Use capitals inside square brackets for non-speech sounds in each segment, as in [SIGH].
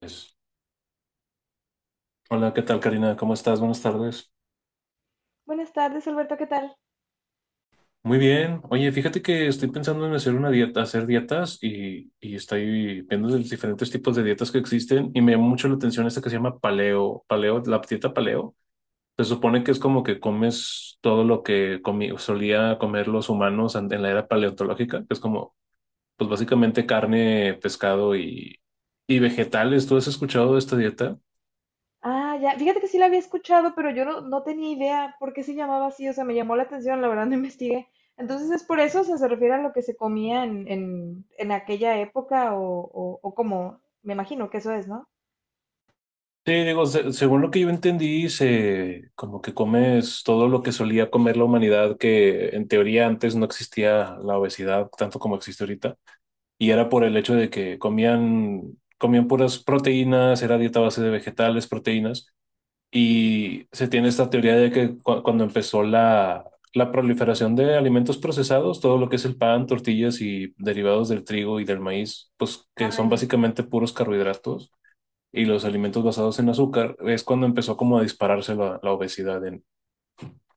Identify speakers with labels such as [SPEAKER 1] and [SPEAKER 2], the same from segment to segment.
[SPEAKER 1] Pues. Hola, ¿qué tal, Karina? ¿Cómo estás? Buenas tardes.
[SPEAKER 2] Buenas tardes, Alberto, ¿qué tal?
[SPEAKER 1] Muy bien. Oye, fíjate que estoy pensando en hacer una dieta, hacer dietas y estoy viendo los diferentes tipos de dietas que existen y me llama mucho la atención esta que se llama paleo, la dieta paleo. Se supone que es como que comes todo lo que solía comer los humanos en la era paleontológica, que es como, pues básicamente carne, pescado y vegetales. ¿Tú has escuchado de esta dieta?
[SPEAKER 2] Ah, ya, fíjate que sí la había escuchado, pero yo no tenía idea por qué se llamaba así, o sea, me llamó la atención, la verdad no [LAUGHS] investigué. Entonces es por eso, o sea, se refiere a lo que se comía en aquella época o como, me imagino que eso es, ¿no?
[SPEAKER 1] Sí, digo, según lo que yo entendí, se como que comes todo lo que solía comer la humanidad, que en teoría antes no existía la obesidad tanto como existe ahorita, y era por el hecho de que comían puras proteínas, era dieta a base de vegetales, proteínas, y se tiene esta teoría de que cuando empezó la proliferación de alimentos procesados, todo lo que es el pan, tortillas y derivados del trigo y del maíz, pues que
[SPEAKER 2] Ah,
[SPEAKER 1] son
[SPEAKER 2] ya.
[SPEAKER 1] básicamente puros carbohidratos y los alimentos basados en azúcar, es cuando empezó como a dispararse la obesidad en,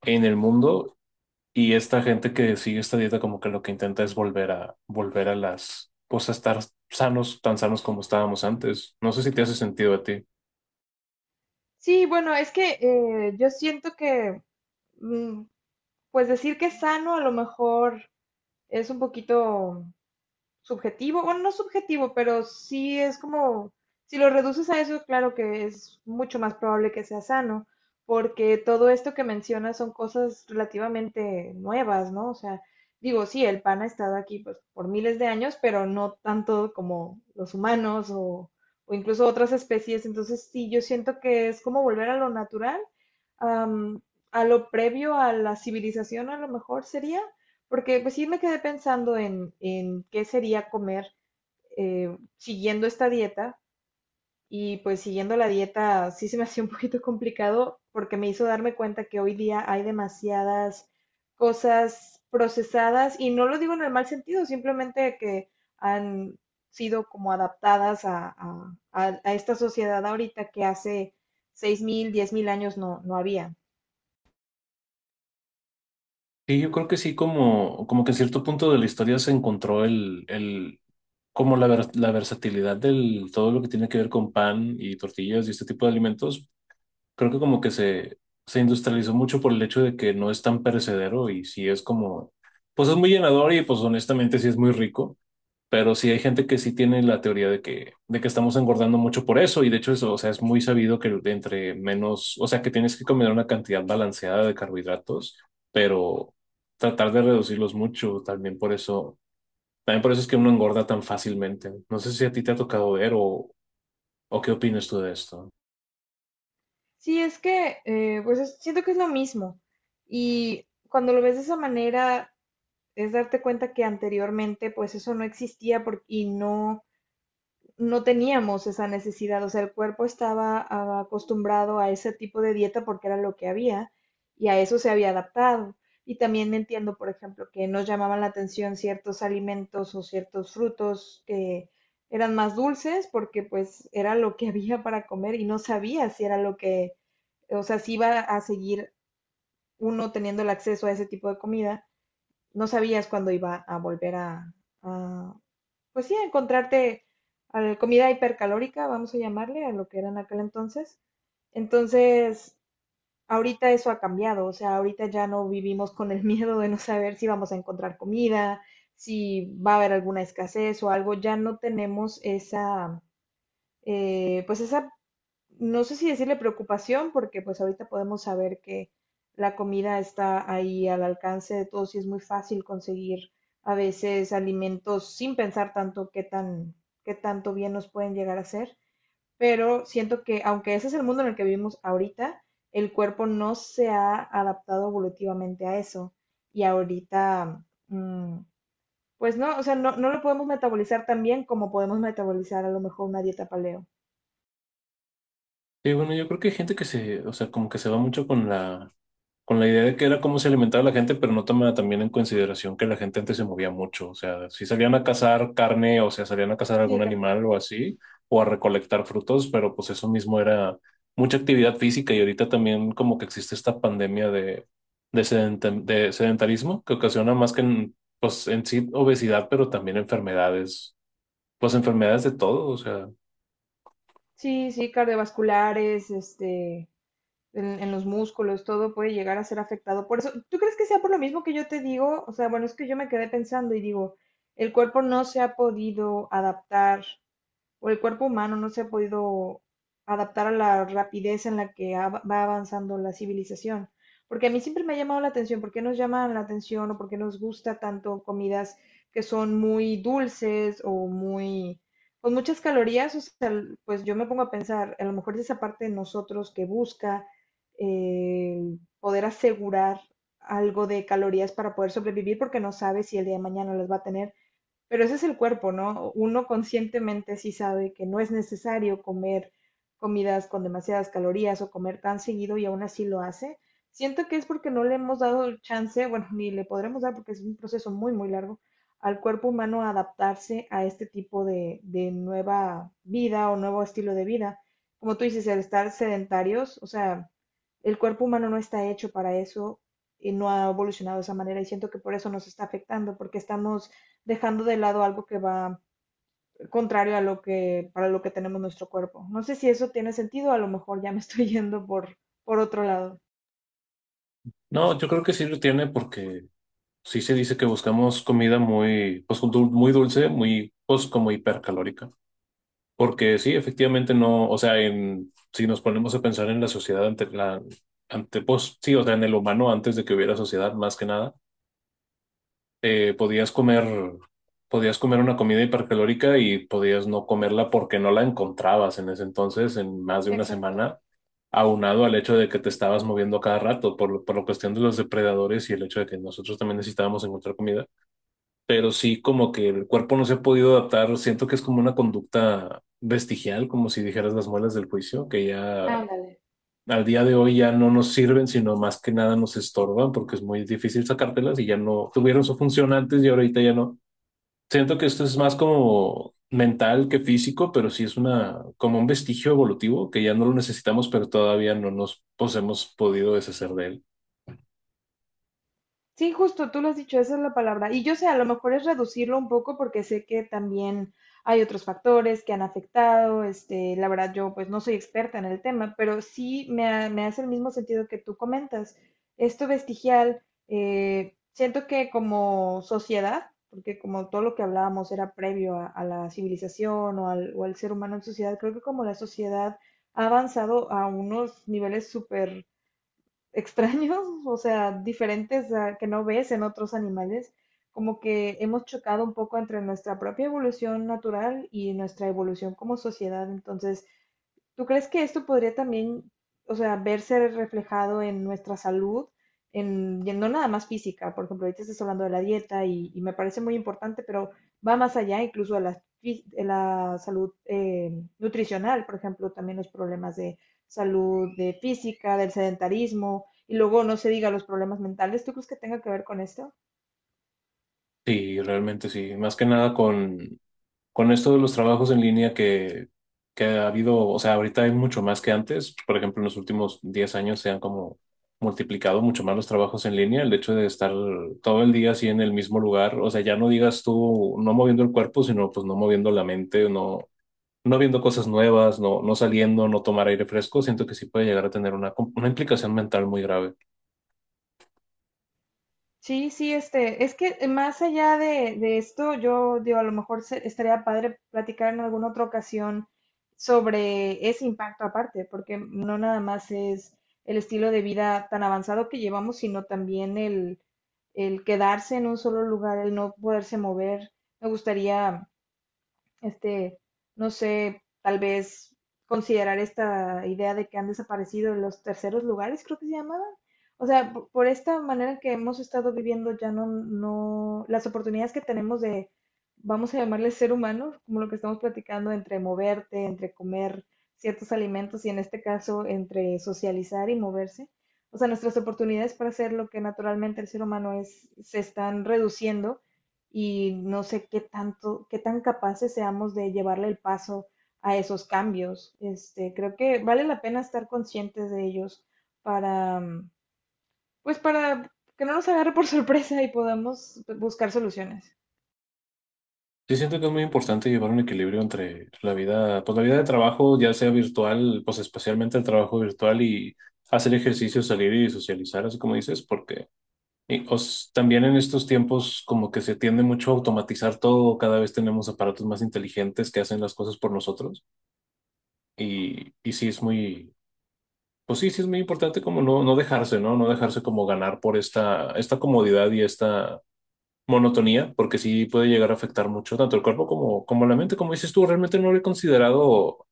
[SPEAKER 1] en el mundo y esta gente que sigue esta dieta como que lo que intenta es volver a pues a estar sanos, tan sanos como estábamos antes. No sé si te hace sentido a ti.
[SPEAKER 2] Sí, bueno, es que yo siento que, mm, pues decir que es sano a lo mejor es un poquito subjetivo, bueno, no subjetivo, pero sí es como, si lo reduces a eso, claro que es mucho más probable que sea sano, porque todo esto que mencionas son cosas relativamente nuevas, ¿no? O sea, digo, sí, el pan ha estado aquí pues, por miles de años, pero no tanto como los humanos o incluso otras especies, entonces sí, yo siento que es como volver a lo natural, am, a lo previo a la civilización a lo mejor sería. Porque pues sí me quedé pensando en qué sería comer siguiendo esta dieta y pues siguiendo la dieta sí se me hacía un [LAUGHS] poquito complicado porque me hizo darme cuenta que hoy día hay demasiadas cosas procesadas y no lo digo en el mal sentido, simplemente que han sido como adaptadas a esta sociedad ahorita que hace 6,000 10,000 años no había.
[SPEAKER 1] Y yo creo que sí, como, como que en cierto punto de la historia se encontró el, como la versatilidad del todo lo que tiene que ver con pan y tortillas y este tipo de alimentos, creo que como que se industrializó mucho por el hecho de que no es tan perecedero y sí es como, pues es muy llenador y pues honestamente sí es muy rico, pero sí hay gente que sí tiene la teoría de que estamos engordando mucho por eso y de hecho eso, o sea, es muy sabido que entre menos, o sea, que tienes que comer una cantidad balanceada de carbohidratos, pero tratar de reducirlos mucho también por eso es que uno engorda tan fácilmente. No sé si a ti te ha tocado ver o qué opinas tú de esto.
[SPEAKER 2] Sí, es que, pues siento que es lo mismo. Y cuando lo ves de esa manera, es darte cuenta que anteriormente, pues eso no existía y no teníamos esa necesidad, o sea, el cuerpo estaba acostumbrado a ese tipo de dieta porque era lo que había y a eso se había adaptado. Y también entiendo, por ejemplo, que nos llamaban la atención ciertos alimentos o ciertos frutos que eran más dulces porque pues era lo que [LAUGHS] había para comer y no sabía si era lo que, o sea, si iba a seguir uno teniendo el acceso a ese tipo de comida, no sabías cuándo iba a volver a pues sí, a encontrarte a la comida hipercalórica, vamos a llamarle, a lo que era en aquel entonces. Entonces, ahorita eso ha cambiado, o sea, ahorita ya no vivimos con el [LAUGHS] miedo de no saber si vamos a encontrar comida, si va a haber alguna escasez o algo, ya no tenemos esa, pues esa no sé si decirle preocupación, porque pues ahorita podemos saber que la comida está ahí al alcance de todos y es muy fácil conseguir a veces alimentos sin pensar tanto qué tanto bien nos pueden llegar a hacer. Pero siento que aunque ese es el mundo en el que vivimos ahorita, el cuerpo no se ha adaptado evolutivamente a eso. Y ahorita, pues no, o sea, no lo podemos metabolizar tan bien como podemos metabolizar a lo mejor una dieta paleo.
[SPEAKER 1] Sí, bueno, yo creo que hay gente que se, o sea, como que se va mucho con con la idea de que era cómo se alimentaba la gente, pero no toma también en consideración que la gente antes se movía mucho. O sea, si salían a cazar carne, o sea, salían a cazar
[SPEAKER 2] Sí,
[SPEAKER 1] algún
[SPEAKER 2] también.
[SPEAKER 1] animal o así, o a recolectar frutos, pero pues eso mismo era mucha actividad física y ahorita también como que existe esta pandemia de sedentarismo que ocasiona más que en, pues en sí obesidad, pero también enfermedades, pues enfermedades de todo, o sea.
[SPEAKER 2] Sí, sí, cardiovasculares, en los músculos, todo puede llegar a ser afectado. Por eso, ¿tú crees que sea por lo mismo que yo te digo? O sea, bueno, es que yo me quedé pensando y digo, el cuerpo no se ha podido adaptar o el cuerpo humano no se ha podido adaptar a la rapidez en la que va avanzando la civilización. Porque a mí siempre me ha llamado la atención, ¿por qué nos llaman la atención o por qué nos gusta tanto comidas que son muy dulces o muy, con muchas calorías? O sea, pues yo me pongo a pensar, a lo mejor es esa parte de nosotros que busca eh, poder asegurar algo de calorías para poder sobrevivir porque no sabe si el día de mañana las va a tener pero ese es el cuerpo, ¿no? Uno conscientemente sí sabe que no es necesario comer comidas con demasiadas calorías o comer tan seguido y aún así lo hace. Siento que es porque no le hemos dado el chance, bueno, ni le podremos dar porque es un proceso muy, muy largo, al cuerpo humano a adaptarse a este tipo de nueva vida o nuevo estilo de vida. Como tú dices, el estar sedentarios, o sea, el cuerpo humano no está hecho para eso y no ha evolucionado de esa manera y siento que por eso nos está afectando, porque estamos dejando de lado algo que va contrario a lo que, para lo que tenemos nuestro cuerpo. No sé si eso tiene sentido, a lo mejor ya me estoy [LAUGHS] yendo por otro lado.
[SPEAKER 1] No, yo creo que sí lo tiene porque sí se dice que buscamos comida muy, pues, muy dulce, muy, pues, como hipercalórica. Porque sí, efectivamente no, o sea, en, si nos ponemos a pensar en la sociedad ante la, ante, pues, sí, o sea, en el humano antes de que hubiera sociedad, más que nada, eh, podías comer, podías comer una comida hipercalórica y podías no comerla porque no la encontrabas en ese entonces, en más de una
[SPEAKER 2] Exacto.
[SPEAKER 1] semana, aunado al hecho de que te estabas moviendo cada rato por la cuestión de los depredadores y el hecho de que nosotros también necesitábamos encontrar comida, pero sí como que el cuerpo no se ha podido adaptar. Siento que es como una conducta vestigial, como si dijeras las muelas del juicio, que ya
[SPEAKER 2] Ándale.
[SPEAKER 1] al día de hoy ya no nos sirven, sino más que nada nos estorban porque es muy difícil sacártelas y ya no tuvieron su función antes y ahorita ya no. Siento que esto es más como mental que físico, pero sí es una como un vestigio evolutivo que ya no lo necesitamos, pero todavía no nos pues, hemos podido deshacer de él.
[SPEAKER 2] Sí, justo, tú lo has dicho, esa es la palabra. Y yo sé, a lo mejor es reducirlo un poco porque sé que también hay otros factores que han afectado. Este, la verdad, yo pues no soy experta en el tema, pero sí me hace el mismo sentido que tú comentas. Esto vestigial, siento que como sociedad, porque como todo lo que hablábamos era previo a la civilización o al ser humano en sociedad, creo que como la sociedad ha avanzado a unos niveles súper extraños, [LAUGHS] o sea, diferentes que no ves en otros animales, como que hemos chocado un poco entre nuestra propia evolución natural y nuestra evolución como sociedad. Entonces, ¿tú crees que esto podría también, o sea, verse reflejado en nuestra salud, y no nada más física? Por ejemplo, ahorita estás hablando de la dieta y me parece muy importante, pero va más allá incluso de la, fí- de la salud nutricional, por ejemplo, también los problemas de salud de física, del sedentarismo, y luego no se diga los problemas mentales. ¿Tú crees que tenga que ver con esto?
[SPEAKER 1] Sí, realmente sí. Más que nada con esto de los trabajos en línea que ha habido, o sea, ahorita hay mucho más que antes. Por ejemplo, en los últimos 10 años se han como multiplicado mucho más los trabajos en línea. El hecho de estar todo el día así en el mismo lugar, o sea, ya no digas tú no moviendo el cuerpo, sino pues no moviendo la mente, no, no viendo cosas nuevas, no, no saliendo, no tomar aire fresco. Siento que sí puede llegar a tener una implicación mental muy grave.
[SPEAKER 2] Sí, sí, es que más allá de esto, yo digo, a lo mejor estaría padre platicar en alguna otra ocasión sobre ese impacto aparte, porque no nada más es el estilo de vida tan avanzado que llevamos, sino también el quedarse en un solo lugar, el no poderse mover. Me gustaría este, no sé, tal vez considerar esta idea de que han desaparecido los terceros lugares, creo que se llamaban. O sea, por esta manera en que hemos estado viviendo ya no, las oportunidades que tenemos de, vamos a llamarle ser humano, como lo que estamos platicando, entre moverte, entre comer ciertos alimentos y en este caso entre socializar y moverse. O sea, nuestras oportunidades para hacer lo que naturalmente el ser humano es, se están reduciendo y no sé qué tanto, qué tan capaces seamos de llevarle el paso a esos cambios. Creo que vale la pena estar conscientes de ellos para, mm, pues para que no nos agarre por [LAUGHS] sorpresa y podamos buscar soluciones.
[SPEAKER 1] Sí, siento que es muy importante llevar un equilibrio entre la vida, pues la vida de trabajo, ya sea virtual, pues especialmente el trabajo virtual y hacer ejercicio, salir y socializar, así como dices, porque también en estos tiempos como que se tiende mucho a automatizar todo, cada vez tenemos aparatos más inteligentes que hacen las cosas por nosotros y sí es muy, pues sí, sí es muy importante como no, no dejarse, ¿no? No dejarse como ganar por esta comodidad y esta monotonía, porque sí puede llegar a afectar mucho tanto el cuerpo como la mente. Como dices tú, realmente no lo he considerado,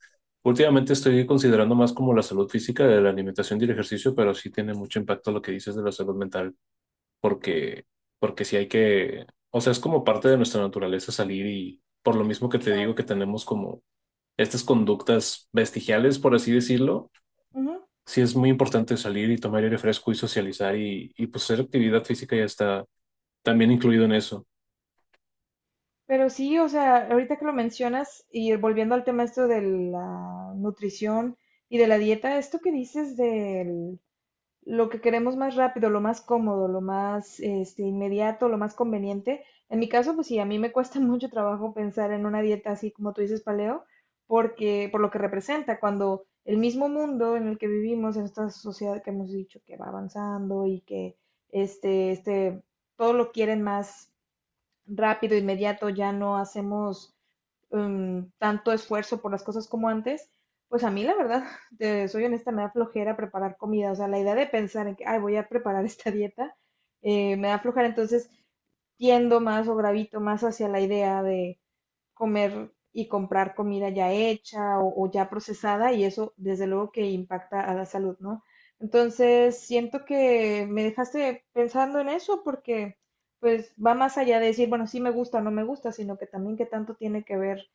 [SPEAKER 1] últimamente estoy considerando más como la salud física de la alimentación y el ejercicio, pero sí tiene mucho impacto lo que dices de la salud mental, porque, porque sí hay que, o sea, es como parte de nuestra naturaleza salir y por lo mismo que te digo que
[SPEAKER 2] Exacto.
[SPEAKER 1] tenemos como estas conductas vestigiales, por así decirlo,
[SPEAKER 2] Ujú.
[SPEAKER 1] sí es muy importante salir y tomar aire fresco y socializar y pues hacer actividad física ya está también incluido en eso.
[SPEAKER 2] Pero sí, o sea, ahorita que lo mencionas y volviendo al tema esto de la nutrición y de la dieta, esto que dices del lo que queremos más rápido, lo más cómodo, lo más inmediato, lo más conveniente. En mi caso, pues sí, a mí me cuesta [LAUGHS] mucho trabajo pensar en una dieta así como tú dices, paleo, porque por lo que representa, cuando el mismo mundo en el que vivimos, en esta sociedad que hemos dicho que va avanzando y que este, este, todo lo quieren más rápido, inmediato, ya no hacemos tanto esfuerzo por las cosas como antes, pues a mí la verdad, [LAUGHS] te soy honesta, me da flojera preparar comida. O sea, la idea de pensar en que, ay, voy a preparar [LAUGHS] esta dieta, me da flojera. Entonces, tiendo más o gravito más hacia la idea de comer y comprar comida ya hecha o ya procesada y eso desde luego que impacta a la salud, ¿no? Entonces, siento que me dejaste pensando en eso porque pues va más allá de decir, bueno, sí me gusta o no me gusta, sino que también qué tanto tiene que ver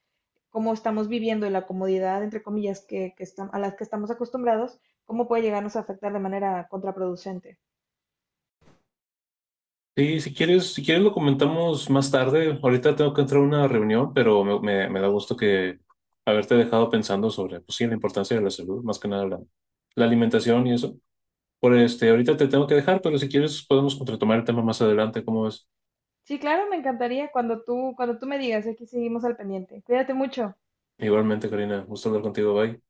[SPEAKER 2] cómo estamos viviendo y la comodidad, entre comillas, a las que estamos acostumbrados, cómo puede llegarnos a afectar de manera contraproducente.
[SPEAKER 1] Sí, si quieres lo comentamos más tarde. Ahorita tengo que entrar a una reunión, pero me da gusto que haberte dejado pensando sobre, pues sí, la importancia de la salud, más que nada la alimentación y eso. Por este, ahorita te tengo que dejar, pero si quieres podemos retomar el tema más adelante, ¿cómo ves?
[SPEAKER 2] Sí, claro, me encantaría cuando tú me digas, aquí seguimos al pendiente. Cuídate mucho.
[SPEAKER 1] Igualmente, Karina, gusto hablar contigo, bye.